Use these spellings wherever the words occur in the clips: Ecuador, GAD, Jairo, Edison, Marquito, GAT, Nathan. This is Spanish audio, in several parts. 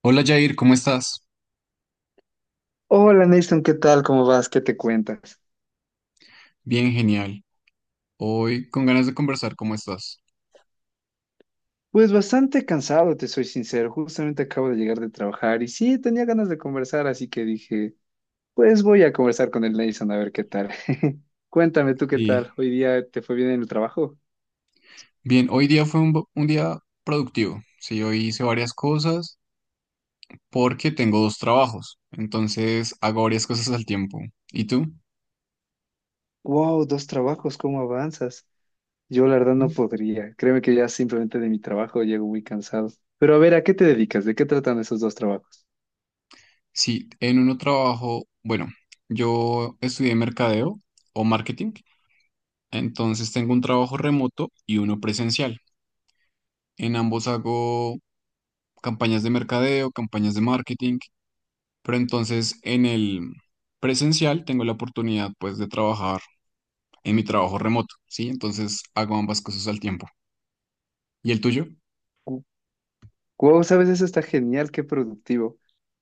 Hola Jair, ¿cómo estás? Hola Nathan, ¿qué tal? ¿Cómo vas? ¿Qué te cuentas? Bien, genial. Hoy con ganas de conversar, ¿cómo estás? Pues bastante cansado, te soy sincero. Justamente acabo de llegar de trabajar y sí, tenía ganas de conversar, así que dije, pues voy a conversar con el Nathan a ver qué tal. Cuéntame tú qué tal. Sí, ¿Hoy día te fue bien en el trabajo? bien, hoy día fue un día productivo. Sí, hoy hice varias cosas porque tengo dos trabajos, entonces hago varias cosas al tiempo. ¿Y tú? Wow, dos trabajos, ¿cómo avanzas? Yo la verdad no ¿Mm? podría. Créeme que ya simplemente de mi trabajo llego muy cansado. Pero a ver, ¿a qué te dedicas? ¿De qué tratan esos dos trabajos? Sí, en uno trabajo, bueno, yo estudié mercadeo o marketing, entonces tengo un trabajo remoto y uno presencial. En ambos hago campañas de mercadeo, campañas de marketing. Pero entonces en el presencial tengo la oportunidad pues de trabajar en mi trabajo remoto, ¿sí? Entonces hago ambas cosas al tiempo. ¿Y el tuyo? Wow, sabes, eso está genial, qué productivo.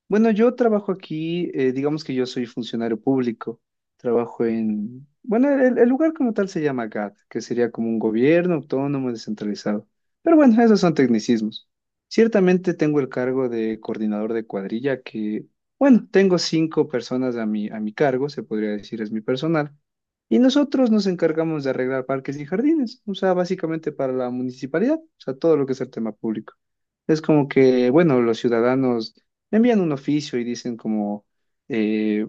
Bueno, yo trabajo aquí, digamos que yo soy funcionario público, trabajo en, bueno, el lugar como tal se llama GAT, que sería como un gobierno autónomo descentralizado. Pero bueno, esos son tecnicismos. Ciertamente tengo el cargo de coordinador de cuadrilla, que, bueno, tengo 5 personas a mi cargo, se podría decir es mi personal. Y nosotros nos encargamos de arreglar parques y jardines, o sea, básicamente para la municipalidad, o sea, todo lo que es el tema público. Es como que, bueno, los ciudadanos envían un oficio y dicen como, eh,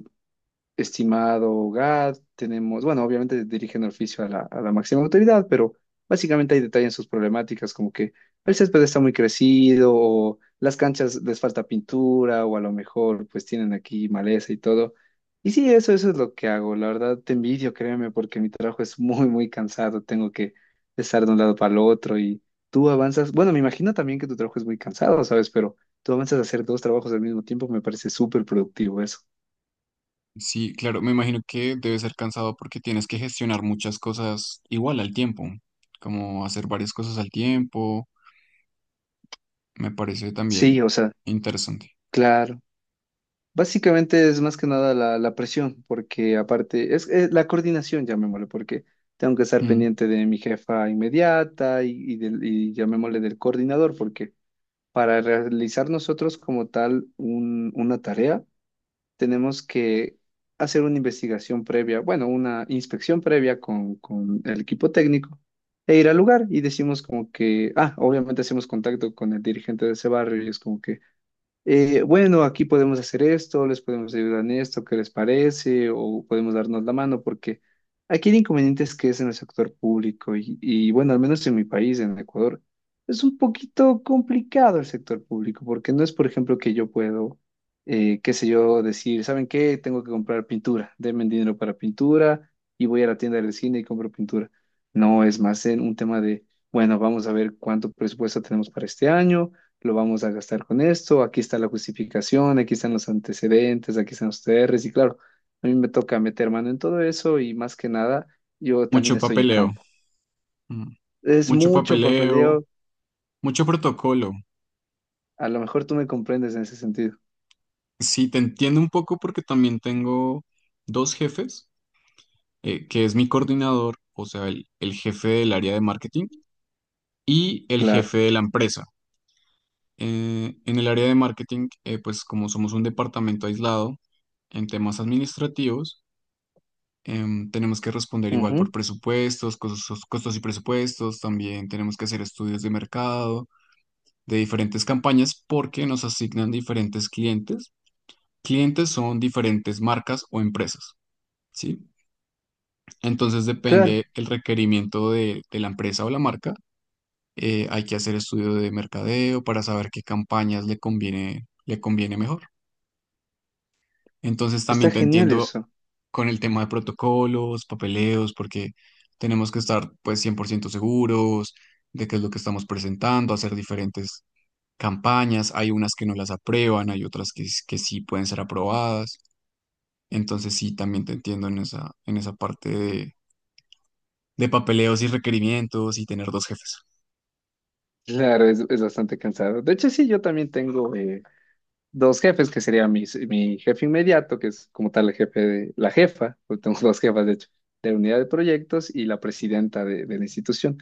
estimado GAD, tenemos, bueno, obviamente dirigen el oficio a a la máxima autoridad, pero básicamente hay detalle en sus problemáticas, como que el césped está muy crecido, o las canchas les falta pintura, o a lo mejor pues tienen aquí maleza y todo. Y sí, eso es lo que hago. La verdad, te envidio, créeme, porque mi trabajo es muy, muy cansado. Tengo que estar de un lado para el otro y tú avanzas. Bueno, me imagino también que tu trabajo es muy cansado, ¿sabes? Pero tú avanzas a hacer dos trabajos al mismo tiempo, me parece súper productivo eso. Sí, claro, me imagino que debe ser cansado porque tienes que gestionar muchas cosas igual al tiempo, como hacer varias cosas al tiempo, me parece Sí, también o sea, interesante. claro, básicamente es más que nada la presión, porque aparte es la coordinación, llamémosle, porque tengo que estar Mm. pendiente de mi jefa inmediata y llamémosle del coordinador, porque para realizar nosotros como tal una tarea, tenemos que hacer una investigación previa, bueno, una inspección previa con el equipo técnico e ir al lugar y decimos como que, ah, obviamente hacemos contacto con el dirigente de ese barrio y es como que bueno, aquí podemos hacer esto, les podemos ayudar en esto, ¿qué les parece? O podemos darnos la mano, porque aquí el inconveniente es que es en el sector público y bueno, al menos en mi país, en Ecuador, es un poquito complicado el sector público, porque no es, por ejemplo, que yo puedo, qué sé yo, decir, ¿saben qué? Tengo que comprar pintura, denme dinero para pintura y voy a la tienda del cine y compro pintura. No, es más en un tema de, bueno, vamos a ver cuánto presupuesto tenemos para este año lo vamos a gastar con esto, aquí está la justificación, aquí están los antecedentes, aquí están los TRs y claro, a mí me toca meter mano en todo eso y más que nada, yo también Mucho estoy en papeleo, campo. mm. Es Mucho mucho papeleo, papeleo, mucho protocolo. a lo mejor tú me comprendes en ese sentido. Sí, te entiendo un poco porque también tengo dos jefes, que es mi coordinador, o sea, el jefe del área de marketing y el Claro, jefe de la empresa. En el área de marketing, pues como somos un departamento aislado en temas administrativos, tenemos que responder igual por ujú, presupuestos, costos, costos y presupuestos, también tenemos que hacer estudios de mercado, de diferentes campañas, porque nos asignan diferentes clientes. Clientes son diferentes marcas o empresas, ¿sí? Entonces claro, depende el requerimiento de la empresa o la marca, hay que hacer estudio de mercadeo para saber qué campañas le conviene mejor. Entonces también está te genial entiendo eso. con el tema de protocolos, papeleos, porque tenemos que estar pues 100% seguros de qué es lo que estamos presentando, hacer diferentes campañas. Hay unas que no las aprueban, hay otras que sí pueden ser aprobadas. Entonces sí, también te entiendo en esa, en esa parte de papeleos y requerimientos y tener dos jefes. Claro, es bastante cansado. De hecho, sí, yo también tengo dos jefes, que sería mi jefe inmediato, que es como tal el jefe de, la jefa, porque tengo dos jefas, de hecho, de unidad de proyectos y la presidenta de la institución.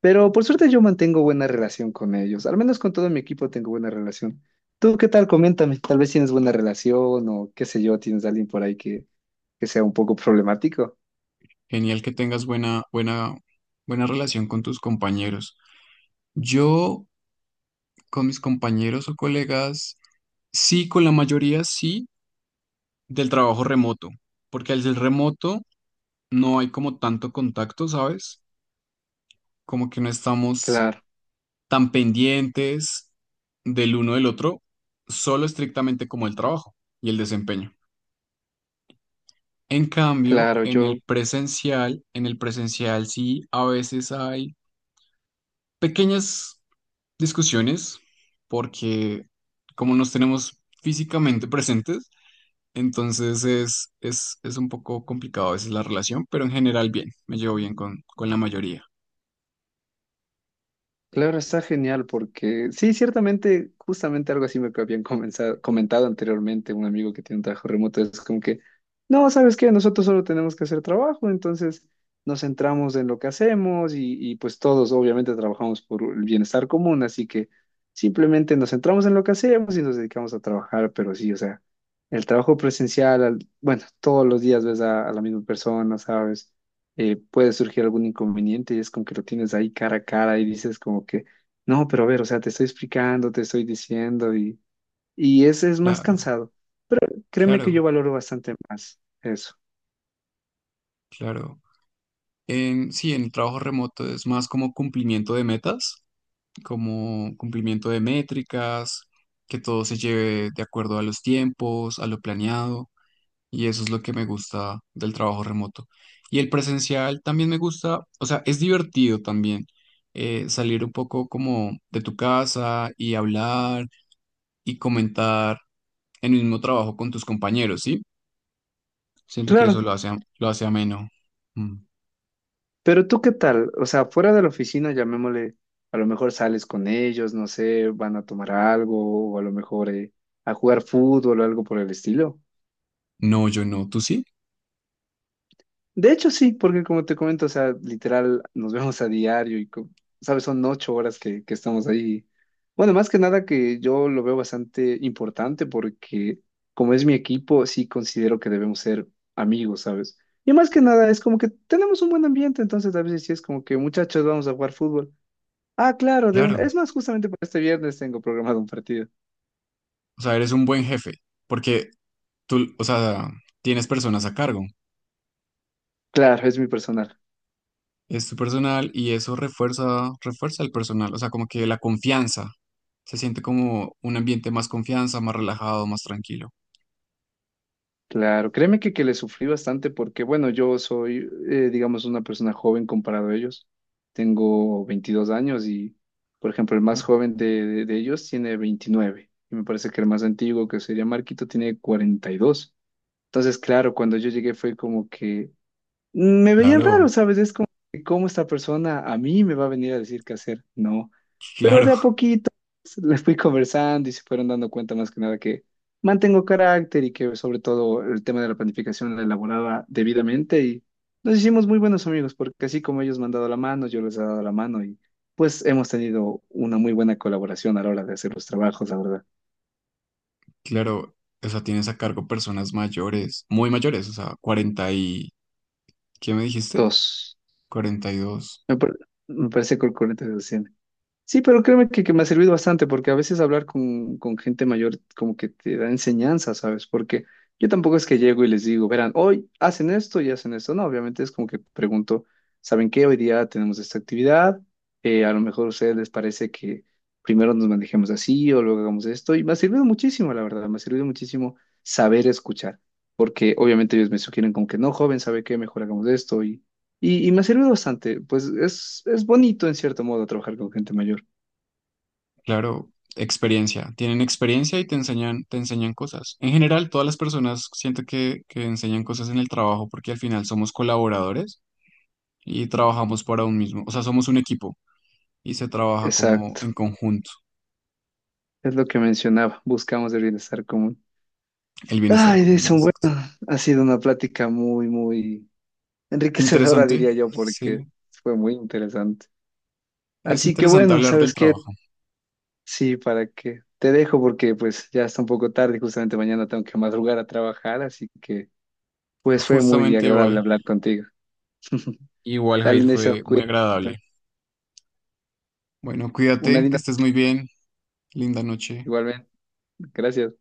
Pero por suerte yo mantengo buena relación con ellos, al menos con todo mi equipo tengo buena relación. ¿Tú qué tal? Coméntame, tal vez tienes buena relación o qué sé yo, tienes a alguien por ahí que sea un poco problemático. Genial que tengas buena relación con tus compañeros. Yo con mis compañeros o colegas, sí, con la mayoría sí, del trabajo remoto, porque al ser remoto no hay como tanto contacto, ¿sabes? Como que no estamos Claro, tan pendientes del uno del otro, solo estrictamente como el trabajo y el desempeño. En cambio, claro, en yo el presencial, en el presencial sí, a veces hay pequeñas discusiones porque como nos tenemos físicamente presentes, entonces es un poco complicado a veces la relación, pero en general bien, me llevo bien con la mayoría. claro, está genial porque sí, ciertamente, justamente algo así me habían comentado anteriormente un amigo que tiene un trabajo remoto, es como que, no, ¿sabes qué? Nosotros solo tenemos que hacer trabajo, entonces nos centramos en lo que hacemos y pues todos obviamente trabajamos por el bienestar común, así que simplemente nos centramos en lo que hacemos y nos dedicamos a trabajar, pero sí, o sea, el trabajo presencial, bueno, todos los días ves a la misma persona, ¿sabes? Puede surgir algún inconveniente y es como que lo tienes ahí cara a cara y dices como que, no, pero a ver, o sea, te estoy explicando, te estoy diciendo y ese es más Claro, cansado. Créeme que yo claro, valoro bastante más eso. claro. Sí, en el trabajo remoto es más como cumplimiento de metas, como cumplimiento de métricas, que todo se lleve de acuerdo a los tiempos, a lo planeado. Y eso es lo que me gusta del trabajo remoto. Y el presencial también me gusta, o sea, es divertido también, salir un poco como de tu casa y hablar y comentar el mismo trabajo con tus compañeros, ¿sí? Siento que eso Claro, lo hace, lo hace ameno. Mm. pero ¿tú qué tal? O sea, fuera de la oficina, llamémosle, a lo mejor sales con ellos, no sé, van a tomar algo o a lo mejor a jugar fútbol o algo por el estilo. No, yo no, tú sí, De hecho, sí, porque como te comento, o sea, literal, nos vemos a diario, sabes, son 8 horas que estamos ahí. Bueno, más que nada que yo lo veo bastante importante porque como es mi equipo, sí considero que debemos ser amigos, ¿sabes? Y más que nada es como que tenemos un buen ambiente, entonces a veces sí es como que muchachos vamos a jugar fútbol. Ah, claro, de una. claro. Es más, justamente para este viernes tengo programado un partido. O sea, eres un buen jefe porque tú, o sea, tienes personas a cargo. Claro, es mi personal. Es tu personal y eso refuerza el personal, o sea, como que la confianza, se siente como un ambiente más confianza, más relajado, más tranquilo. Claro, créeme que le sufrí bastante porque, bueno, yo soy, digamos, una persona joven comparado a ellos. Tengo 22 años y, por ejemplo, el Oh, más joven de, de ellos tiene 29. Y me parece que el más antiguo, que sería Marquito, tiene 42. Entonces, claro, cuando yo llegué fue como que me veían raro, claro, ¿sabes? Es como, ¿cómo esta persona a mí me va a venir a decir qué hacer? No. Pero claro, de a poquito pues, les fui conversando y se fueron dando cuenta más que nada que mantengo carácter y que sobre todo el tema de la planificación la elaboraba debidamente y nos hicimos muy buenos amigos porque así como ellos me han dado la mano, yo les he dado la mano y pues hemos tenido una muy buena colaboración a la hora de hacer los trabajos, la verdad. claro, o sea, tienes a cargo personas mayores, muy mayores, o sea, 40 y, ¿qué me dijiste? Dos. 42. Me, par- Me parece que el 40. Sí, pero créeme que me ha servido bastante porque a veces hablar con gente mayor como que te da enseñanza, ¿sabes? Porque yo tampoco es que llego y les digo, verán, hoy hacen esto y hacen esto. No, obviamente es como que pregunto, ¿saben qué? Hoy día tenemos esta actividad. A lo mejor a ustedes les parece que primero nos manejemos así o luego hagamos esto. Y me ha servido muchísimo, la verdad, me ha servido muchísimo saber escuchar. Porque obviamente ellos me sugieren como que no, joven, ¿sabe qué? Mejor hagamos esto. Y me ha servido bastante. Pues es bonito en cierto modo trabajar con gente mayor. Claro. Experiencia, tienen experiencia y te enseñan cosas. En general, todas las personas siento que enseñan cosas en el trabajo porque al final somos colaboradores y trabajamos para un mismo, o sea, somos un equipo. Y se trabaja como en Exacto, conjunto, es lo que mencionaba, buscamos el bienestar común. el bienestar Ay, común, Edison, bueno, exacto. ha sido una plática muy, muy enriquecedora, Interesante, diría yo, porque sí, fue muy interesante. es Así que interesante bueno, hablar del ¿sabes qué? trabajo. Sí, para que te dejo porque pues ya está un poco tarde, justamente mañana tengo que madrugar a trabajar, así que pues fue muy Justamente igual, agradable hablar contigo. igual Dale, Jair Edison, fue muy cuídate. agradable. Bueno, Una cuídate, que linda, estés muy bien, linda noche. igualmente. Gracias.